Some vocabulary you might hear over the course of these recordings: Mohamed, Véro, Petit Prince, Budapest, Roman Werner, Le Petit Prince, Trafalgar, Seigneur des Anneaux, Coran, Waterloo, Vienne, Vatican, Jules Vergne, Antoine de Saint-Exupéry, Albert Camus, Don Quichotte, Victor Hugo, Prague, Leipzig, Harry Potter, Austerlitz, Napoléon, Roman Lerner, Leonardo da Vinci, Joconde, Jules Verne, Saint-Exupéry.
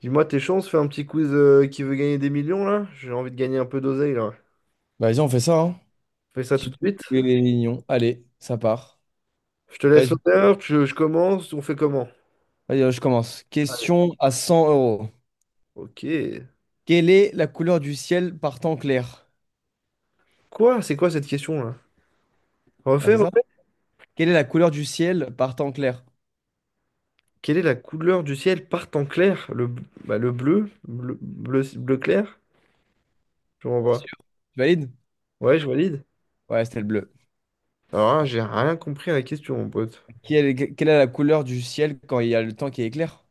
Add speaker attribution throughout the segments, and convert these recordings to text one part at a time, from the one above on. Speaker 1: Dis-moi tes chances, fais un petit quiz qui veut gagner des millions là. J'ai envie de gagner un peu d'oseille là.
Speaker 2: Bah, vas-y, on fait ça, hein.
Speaker 1: Fais ça tout
Speaker 2: Petit
Speaker 1: de
Speaker 2: coup
Speaker 1: suite.
Speaker 2: de réunion. Allez, ça part.
Speaker 1: Je te laisse
Speaker 2: Vas-y,
Speaker 1: l'honneur, je commence, on fait comment?
Speaker 2: vas-y, je commence.
Speaker 1: Allez.
Speaker 2: Question à 100 euros.
Speaker 1: Ok.
Speaker 2: Quelle est la couleur du ciel par temps clair?
Speaker 1: Quoi? C'est quoi cette question là?
Speaker 2: Bah,
Speaker 1: Refais,
Speaker 2: c'est ça?
Speaker 1: refais.
Speaker 2: Quelle est la couleur du ciel par temps clair?
Speaker 1: Quelle est la couleur du ciel par temps clair? Bah, le bleu, bleu, bleu, bleu clair? Je
Speaker 2: T'es
Speaker 1: renvoie.
Speaker 2: sûr? Tu valides?
Speaker 1: Ouais, je valide.
Speaker 2: Ouais, c'était le bleu.
Speaker 1: Alors là, j'ai rien compris à la question, mon pote.
Speaker 2: Quelle est la couleur du ciel quand il y a le temps qui est clair?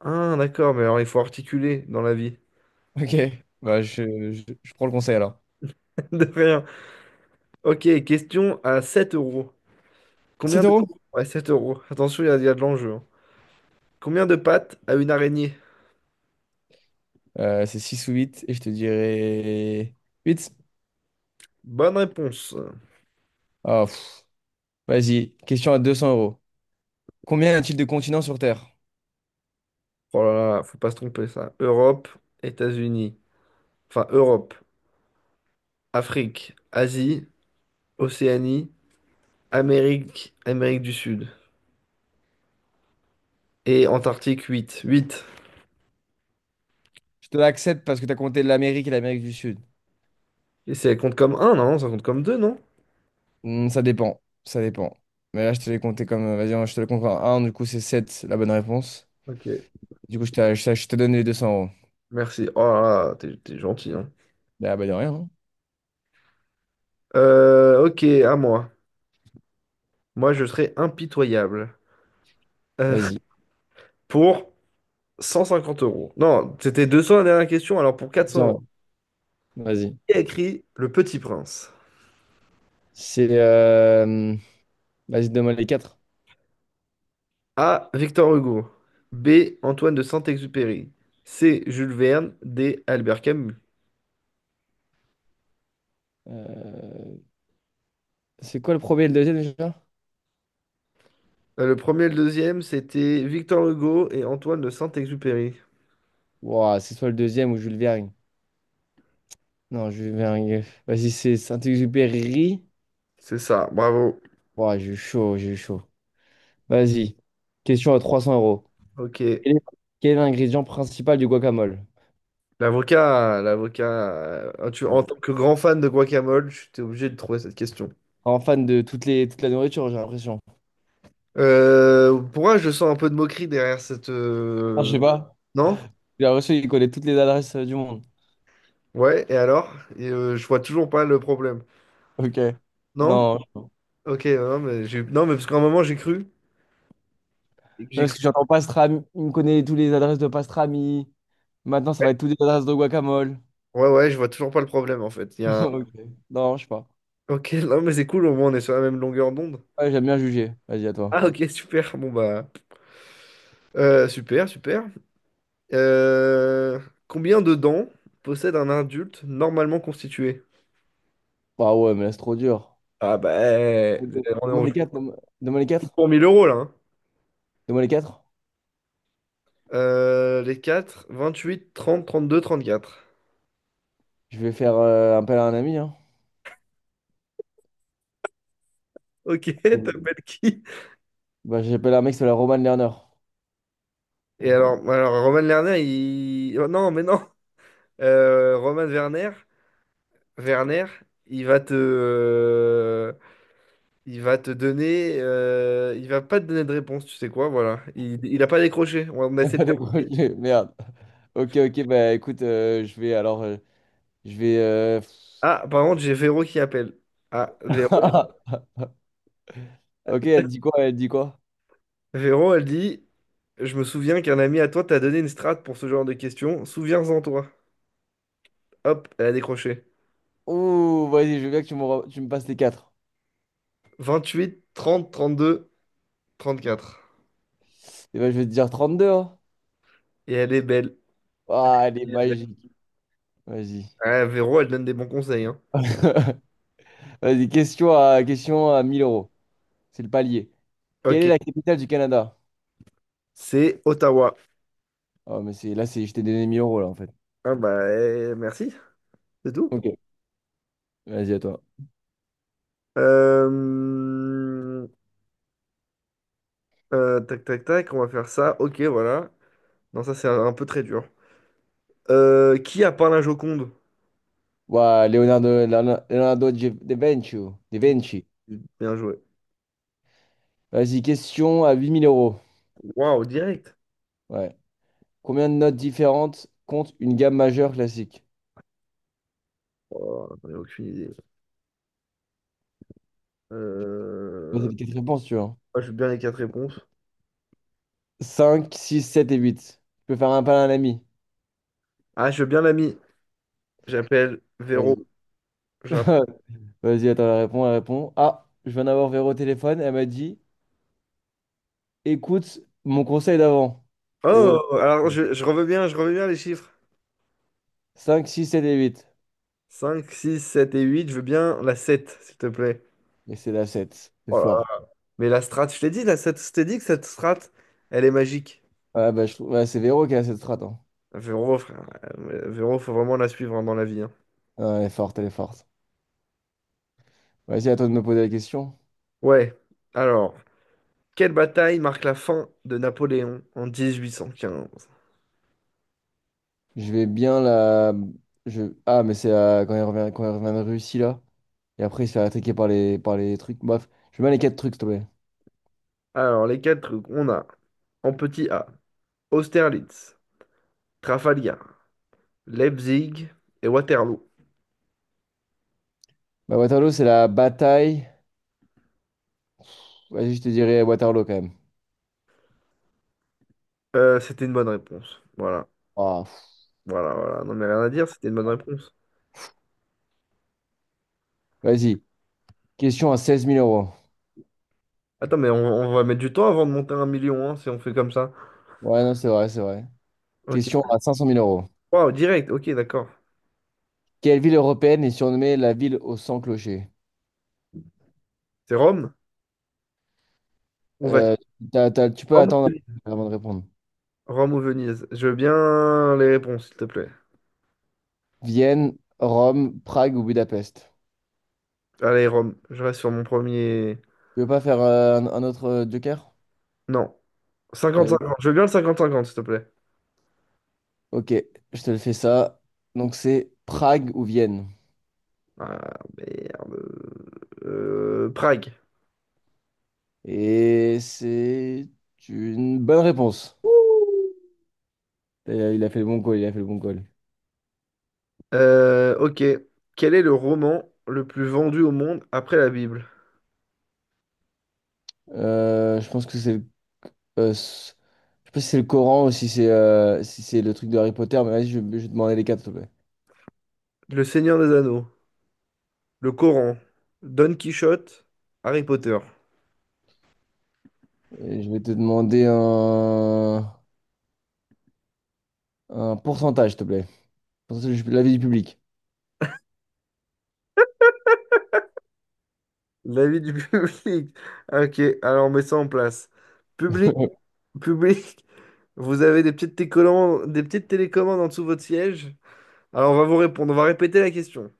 Speaker 1: Ah, d'accord, mais alors il faut articuler dans la vie.
Speaker 2: Ok, bah, je prends le conseil alors.
Speaker 1: De rien. Ok, question à 7 euros. Combien
Speaker 2: 7
Speaker 1: de...
Speaker 2: euros?
Speaker 1: Ouais, 7 euros. Attention, il y a de l'enjeu, hein. Combien de pattes a une araignée?
Speaker 2: C'est 6 ou 8 et je te dirais 8.
Speaker 1: Bonne réponse.
Speaker 2: Ah, pff. Vas-y, question à 200 euros. Combien y a-t-il de continents sur Terre?
Speaker 1: Oh là là, faut pas se tromper ça. Europe, États-Unis. Enfin, Europe, Afrique, Asie, Océanie, Amérique, Amérique du Sud. Et Antarctique, 8, 8.
Speaker 2: Je te l'accepte parce que t'as compté l'Amérique et l'Amérique du Sud.
Speaker 1: Et ça compte comme un non? Ça compte comme 2 non?
Speaker 2: Hmm, ça dépend. Ça dépend. Mais là, je te l'ai compté comme. Vas-y, hein, je te le compte en 1. Du coup, c'est 7, la bonne réponse.
Speaker 1: Ok,
Speaker 2: Du coup, je te donne les deux cents euros.
Speaker 1: merci. Oh là là, t'es gentil, hein.
Speaker 2: Bah, bah, de rien, hein.
Speaker 1: Ok, à moi. Moi, je serai impitoyable. Euh,
Speaker 2: Vas-y.
Speaker 1: pour 150 euros. Non, c'était 200 la dernière question, alors pour 400
Speaker 2: 200
Speaker 1: euros.
Speaker 2: euros. Vas-y.
Speaker 1: Qui a écrit Le Petit Prince?
Speaker 2: C'est. Vas-y, donne-moi les 4.
Speaker 1: A. Victor Hugo. B. Antoine de Saint-Exupéry. C. Jules Verne. D. Albert Camus.
Speaker 2: C'est quoi le premier et le deuxième déjà?
Speaker 1: Le premier et le deuxième, c'était Victor Hugo et Antoine de Saint-Exupéry.
Speaker 2: Ouah, c'est soit le deuxième ou Jules Vergne. Non, Jules Vergne. Vas-y, c'est Saint-Exupéry.
Speaker 1: C'est ça, bravo.
Speaker 2: Ouah, j'ai eu chaud, j'ai eu chaud. Vas-y. Question à 300 euros.
Speaker 1: Ok.
Speaker 2: Quel est quel est l'ingrédient principal du guacamole?
Speaker 1: L'avocat, l'avocat,
Speaker 2: Bon.
Speaker 1: en tant que grand fan de guacamole, tu t'es obligé de trouver cette question.
Speaker 2: En fan de toute la nourriture, j'ai l'impression.
Speaker 1: Pourquoi je sens un peu de moquerie derrière cette...
Speaker 2: Ah, je sais pas.
Speaker 1: Non?
Speaker 2: J'ai l'impression qu'il connaît toutes les adresses du monde.
Speaker 1: Ouais, et alors? Et, je vois toujours pas le problème.
Speaker 2: Ok.
Speaker 1: Non?
Speaker 2: Non. Non,
Speaker 1: Ok, non, mais parce qu'à un moment, j'ai cru. J'ai
Speaker 2: parce
Speaker 1: cru
Speaker 2: que j'entends pastrami. Il me connaît toutes les adresses de pastrami. Maintenant, ça va être toutes les adresses de guacamole.
Speaker 1: Ouais, ouais, je vois toujours pas le problème en fait. Il y a un-
Speaker 2: Ok. Non, je sais pas.
Speaker 1: Ok, non, mais c'est cool, au moins on est sur la même longueur d'onde.
Speaker 2: Ouais, j'aime bien juger. Vas-y, à toi.
Speaker 1: Ah, ok, super. Bon, bah. Super, super. Euh, Combien de dents possède un adulte normalement constitué?
Speaker 2: Bah ouais, mais là, c'est trop dur.
Speaker 1: Ah, bah.
Speaker 2: Ok.
Speaker 1: On est
Speaker 2: Donne-moi
Speaker 1: en
Speaker 2: les
Speaker 1: jeu
Speaker 2: quatre. Donne-moi les quatre.
Speaker 1: pour 1 000 euros là, hein.
Speaker 2: Donne-moi les quatre.
Speaker 1: Les 30 32 34.
Speaker 2: Je vais faire appel à un ami, hein.
Speaker 1: Ok,
Speaker 2: Vas-y.
Speaker 1: t'appelles qui?
Speaker 2: Bah, j'appelle un mec, c'est la Roman Lerner.
Speaker 1: Et alors Roman Lerner, il. Oh, non, mais non! Roman Werner, il va te. euh, Il va te donner, il va pas te donner de réponse, tu sais quoi, voilà. Il a pas décroché. On a
Speaker 2: Il y a
Speaker 1: essayé de
Speaker 2: pas des
Speaker 1: l'appeler.
Speaker 2: projets, merde. Ok, ok, bah écoute, je vais alors, je vais.
Speaker 1: Ah, par contre, j'ai Véro qui appelle. Ah, Véro.
Speaker 2: Ok, elle dit quoi? Elle dit quoi?
Speaker 1: Véro, elle dit, je me souviens qu'un ami à toi t'a donné une strate pour ce genre de questions. Souviens-en toi. Hop, elle a décroché.
Speaker 2: Ouh, vas-y, je veux bien que tu me passes les quatre.
Speaker 1: 28, 30, 32, 34.
Speaker 2: Et ben, je vais te dire 32, hein.
Speaker 1: Et elle est belle.
Speaker 2: Ah, elle est
Speaker 1: Elle est belle.
Speaker 2: magique. Vas-y.
Speaker 1: Ah, Véro, elle donne des bons conseils, hein.
Speaker 2: Vas-y, question à, question à 1000 euros. C'est le palier. Quelle
Speaker 1: Ok.
Speaker 2: est la capitale du Canada?
Speaker 1: C'est Ottawa.
Speaker 2: Oh, mais c'est là, c'est, je t'ai donné 1000 euros, là, en fait.
Speaker 1: Ah bah, eh, merci. C'est tout.
Speaker 2: Ok, vas-y, à toi.
Speaker 1: Euh, tac, tac, tac, on va faire ça. Ok, voilà. Non, ça, c'est un peu très dur. Qui a peint la Joconde?
Speaker 2: Ouah, Leonardo, Leonardo Leonardo da Vinci. Da Vinci.
Speaker 1: Bien joué.
Speaker 2: Vas-y, question à 8000 euros.
Speaker 1: Waouh, direct.
Speaker 2: Ouais. Combien de notes différentes compte une gamme majeure classique?
Speaker 1: Oh, j'en ai aucune idée.
Speaker 2: Bah, c'est
Speaker 1: Euh,
Speaker 2: les quatre réponses, tu vois.
Speaker 1: ah, je veux bien les quatre réponses.
Speaker 2: 5, 6, 7 et 8. Tu peux faire un pain à l'ami
Speaker 1: Ah, je veux bien l'ami. J'appelle Véro.
Speaker 2: Vas-y.
Speaker 1: J'app-
Speaker 2: Vas-y, attends, elle répond, elle répond. Ah, je viens d'avoir Véro au téléphone. Elle m'a dit, écoute mon conseil d'avant. Et ouais,
Speaker 1: Oh, alors je revois bien les chiffres.
Speaker 2: 5, 6, 7 et 8.
Speaker 1: 5, 6, 7 et 8. Je veux bien la sept, s'il te plaît.
Speaker 2: Et c'est la 7. C'est
Speaker 1: Oh là
Speaker 2: fort.
Speaker 1: là. Mais la strat, je t'ai dit, la sept, je t'ai dit que cette strat, elle est magique.
Speaker 2: Ouais, bah, ouais, c'est Véro qui a cette strat, hein.
Speaker 1: Véro, frère. Véro, faut vraiment la suivre, hein, dans la vie, hein.
Speaker 2: Ouais, elle est forte, elle est forte. Vas-y, à toi de me poser la question.
Speaker 1: Ouais. Alors, quelle bataille marque la fin de Napoléon en 1815?
Speaker 2: Je vais bien la. Je. Ah, mais quand elle revient, quand elle revient de Russie, là. Et après, il se fait attaquer par les trucs. Bref, je mets les quatre trucs, s'il te plaît.
Speaker 1: Alors, les quatre trucs, on a en petit A, Austerlitz, Trafalgar, Leipzig et Waterloo.
Speaker 2: Bah, Waterloo, c'est la bataille. Vas-y, je te dirais Waterloo quand même.
Speaker 1: C'était une bonne réponse. Voilà,
Speaker 2: Ah, pff.
Speaker 1: voilà, voilà. Non, mais rien à dire, c'était une bonne réponse.
Speaker 2: Vas-y. Question à seize mille euros.
Speaker 1: Attends, mais on va mettre du temps avant de monter à 1 million, hein, si on fait comme ça.
Speaker 2: Ouais, non, c'est vrai, c'est vrai.
Speaker 1: Ok.
Speaker 2: Question à cinq cent mille euros.
Speaker 1: Wow, direct, ok, d'accord.
Speaker 2: Quelle ville européenne est surnommée la ville aux cent clochers?
Speaker 1: C'est Rome ou Vatican?
Speaker 2: Euh, Tu peux
Speaker 1: Rome ou
Speaker 2: attendre
Speaker 1: Venise?
Speaker 2: avant de répondre.
Speaker 1: Rome ou Venise? Je veux bien les réponses, s'il te plaît.
Speaker 2: Vienne, Rome, Prague ou Budapest?
Speaker 1: Allez, Rome, je reste sur mon premier.
Speaker 2: Tu veux pas faire un autre joker?
Speaker 1: Non. Cinquante
Speaker 2: Allez.
Speaker 1: cinquante. Je veux bien le cinquante cinquante, s'il te plaît.
Speaker 2: Ok, je te le fais ça. Donc, c'est Prague ou Vienne?
Speaker 1: Ah, merde. Prague.
Speaker 2: Et c'est une bonne réponse. Et il a fait le bon call, il a fait le bon call.
Speaker 1: Ok. Quel est le roman le plus vendu au monde après la Bible?
Speaker 2: Je pense que euh, c- je sais pas si c'est le Coran ou si c'est le truc de Harry Potter, mais vas-y, je vais te demander les quatre, s'il te plaît.
Speaker 1: Le Seigneur des Anneaux, le Coran, Don Quichotte, Harry Potter.
Speaker 2: Et je vais te demander un pourcentage, s'il te plaît. Pourcentage de l'avis du public.
Speaker 1: L'avis du public. Ok, alors on met ça en place. Public, public, vous avez des petites télécommandes en dessous de votre siège. Alors on va vous répondre, on va répéter la question.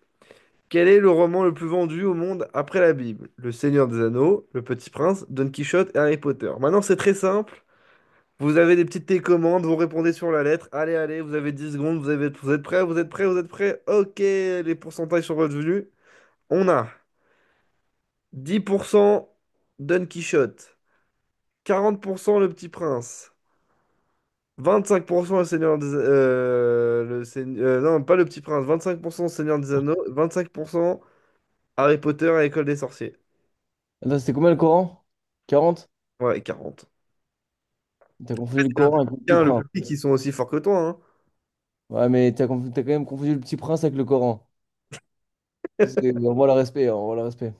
Speaker 1: Quel est le roman le plus vendu au monde après la Bible? Le Seigneur des Anneaux, Le Petit Prince, Don Quichotte et Harry Potter. Maintenant, c'est très simple. Vous avez des petites télécommandes, vous répondez sur la lettre. Allez, allez, vous avez 10 secondes, vous êtes prêts, vous êtes prêts, vous êtes prêts. Ok, les pourcentages sont revenus. On a 10% Don Quichotte, 40% Le Petit Prince, 25% Le Seigneur des... non, pas Le Petit Prince, 25% Seigneur des Anneaux, 25% Harry Potter à l'École des Sorciers.
Speaker 2: Attends, c'était combien le Coran? 40.
Speaker 1: Ouais, et 40.
Speaker 2: T'as confondu le
Speaker 1: Le
Speaker 2: Coran
Speaker 1: public,
Speaker 2: avec le Petit
Speaker 1: hein, le
Speaker 2: Prince.
Speaker 1: public, ils sont aussi forts que toi, hein.
Speaker 2: Ouais, mais t'as quand même confondu le Petit Prince avec le Coran. On voit le respect, hein, on voit le respect.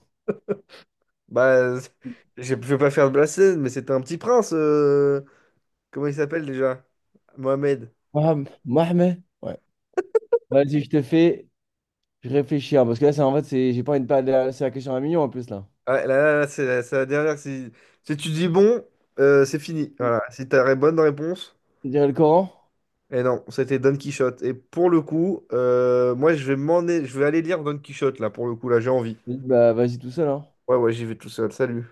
Speaker 1: Bah, je vais pas faire de blasphème, mais c'était un petit prince. Comment il s'appelle déjà? Mohamed.
Speaker 2: Mohamed. Mohamed. Vas-y, je te fais je réfléchis, hein, parce que là, c'est en fait, j'ai pas une de c'est la question à 1 000 000 en plus, là.
Speaker 1: Ah, là, là, là, c'est la dernière. Si tu dis bon, c'est fini. Voilà. Si tu as bonne réponse.
Speaker 2: Tu dirais le Coran?
Speaker 1: Et non, c'était Don Quichotte. Et pour le coup, moi, je vais aller lire Don Quichotte, là, pour le coup, là, j'ai envie.
Speaker 2: Vas-y, bah, vas-y tout seul, hein.
Speaker 1: Ouais, ouais, j'y vais tout seul. Salut.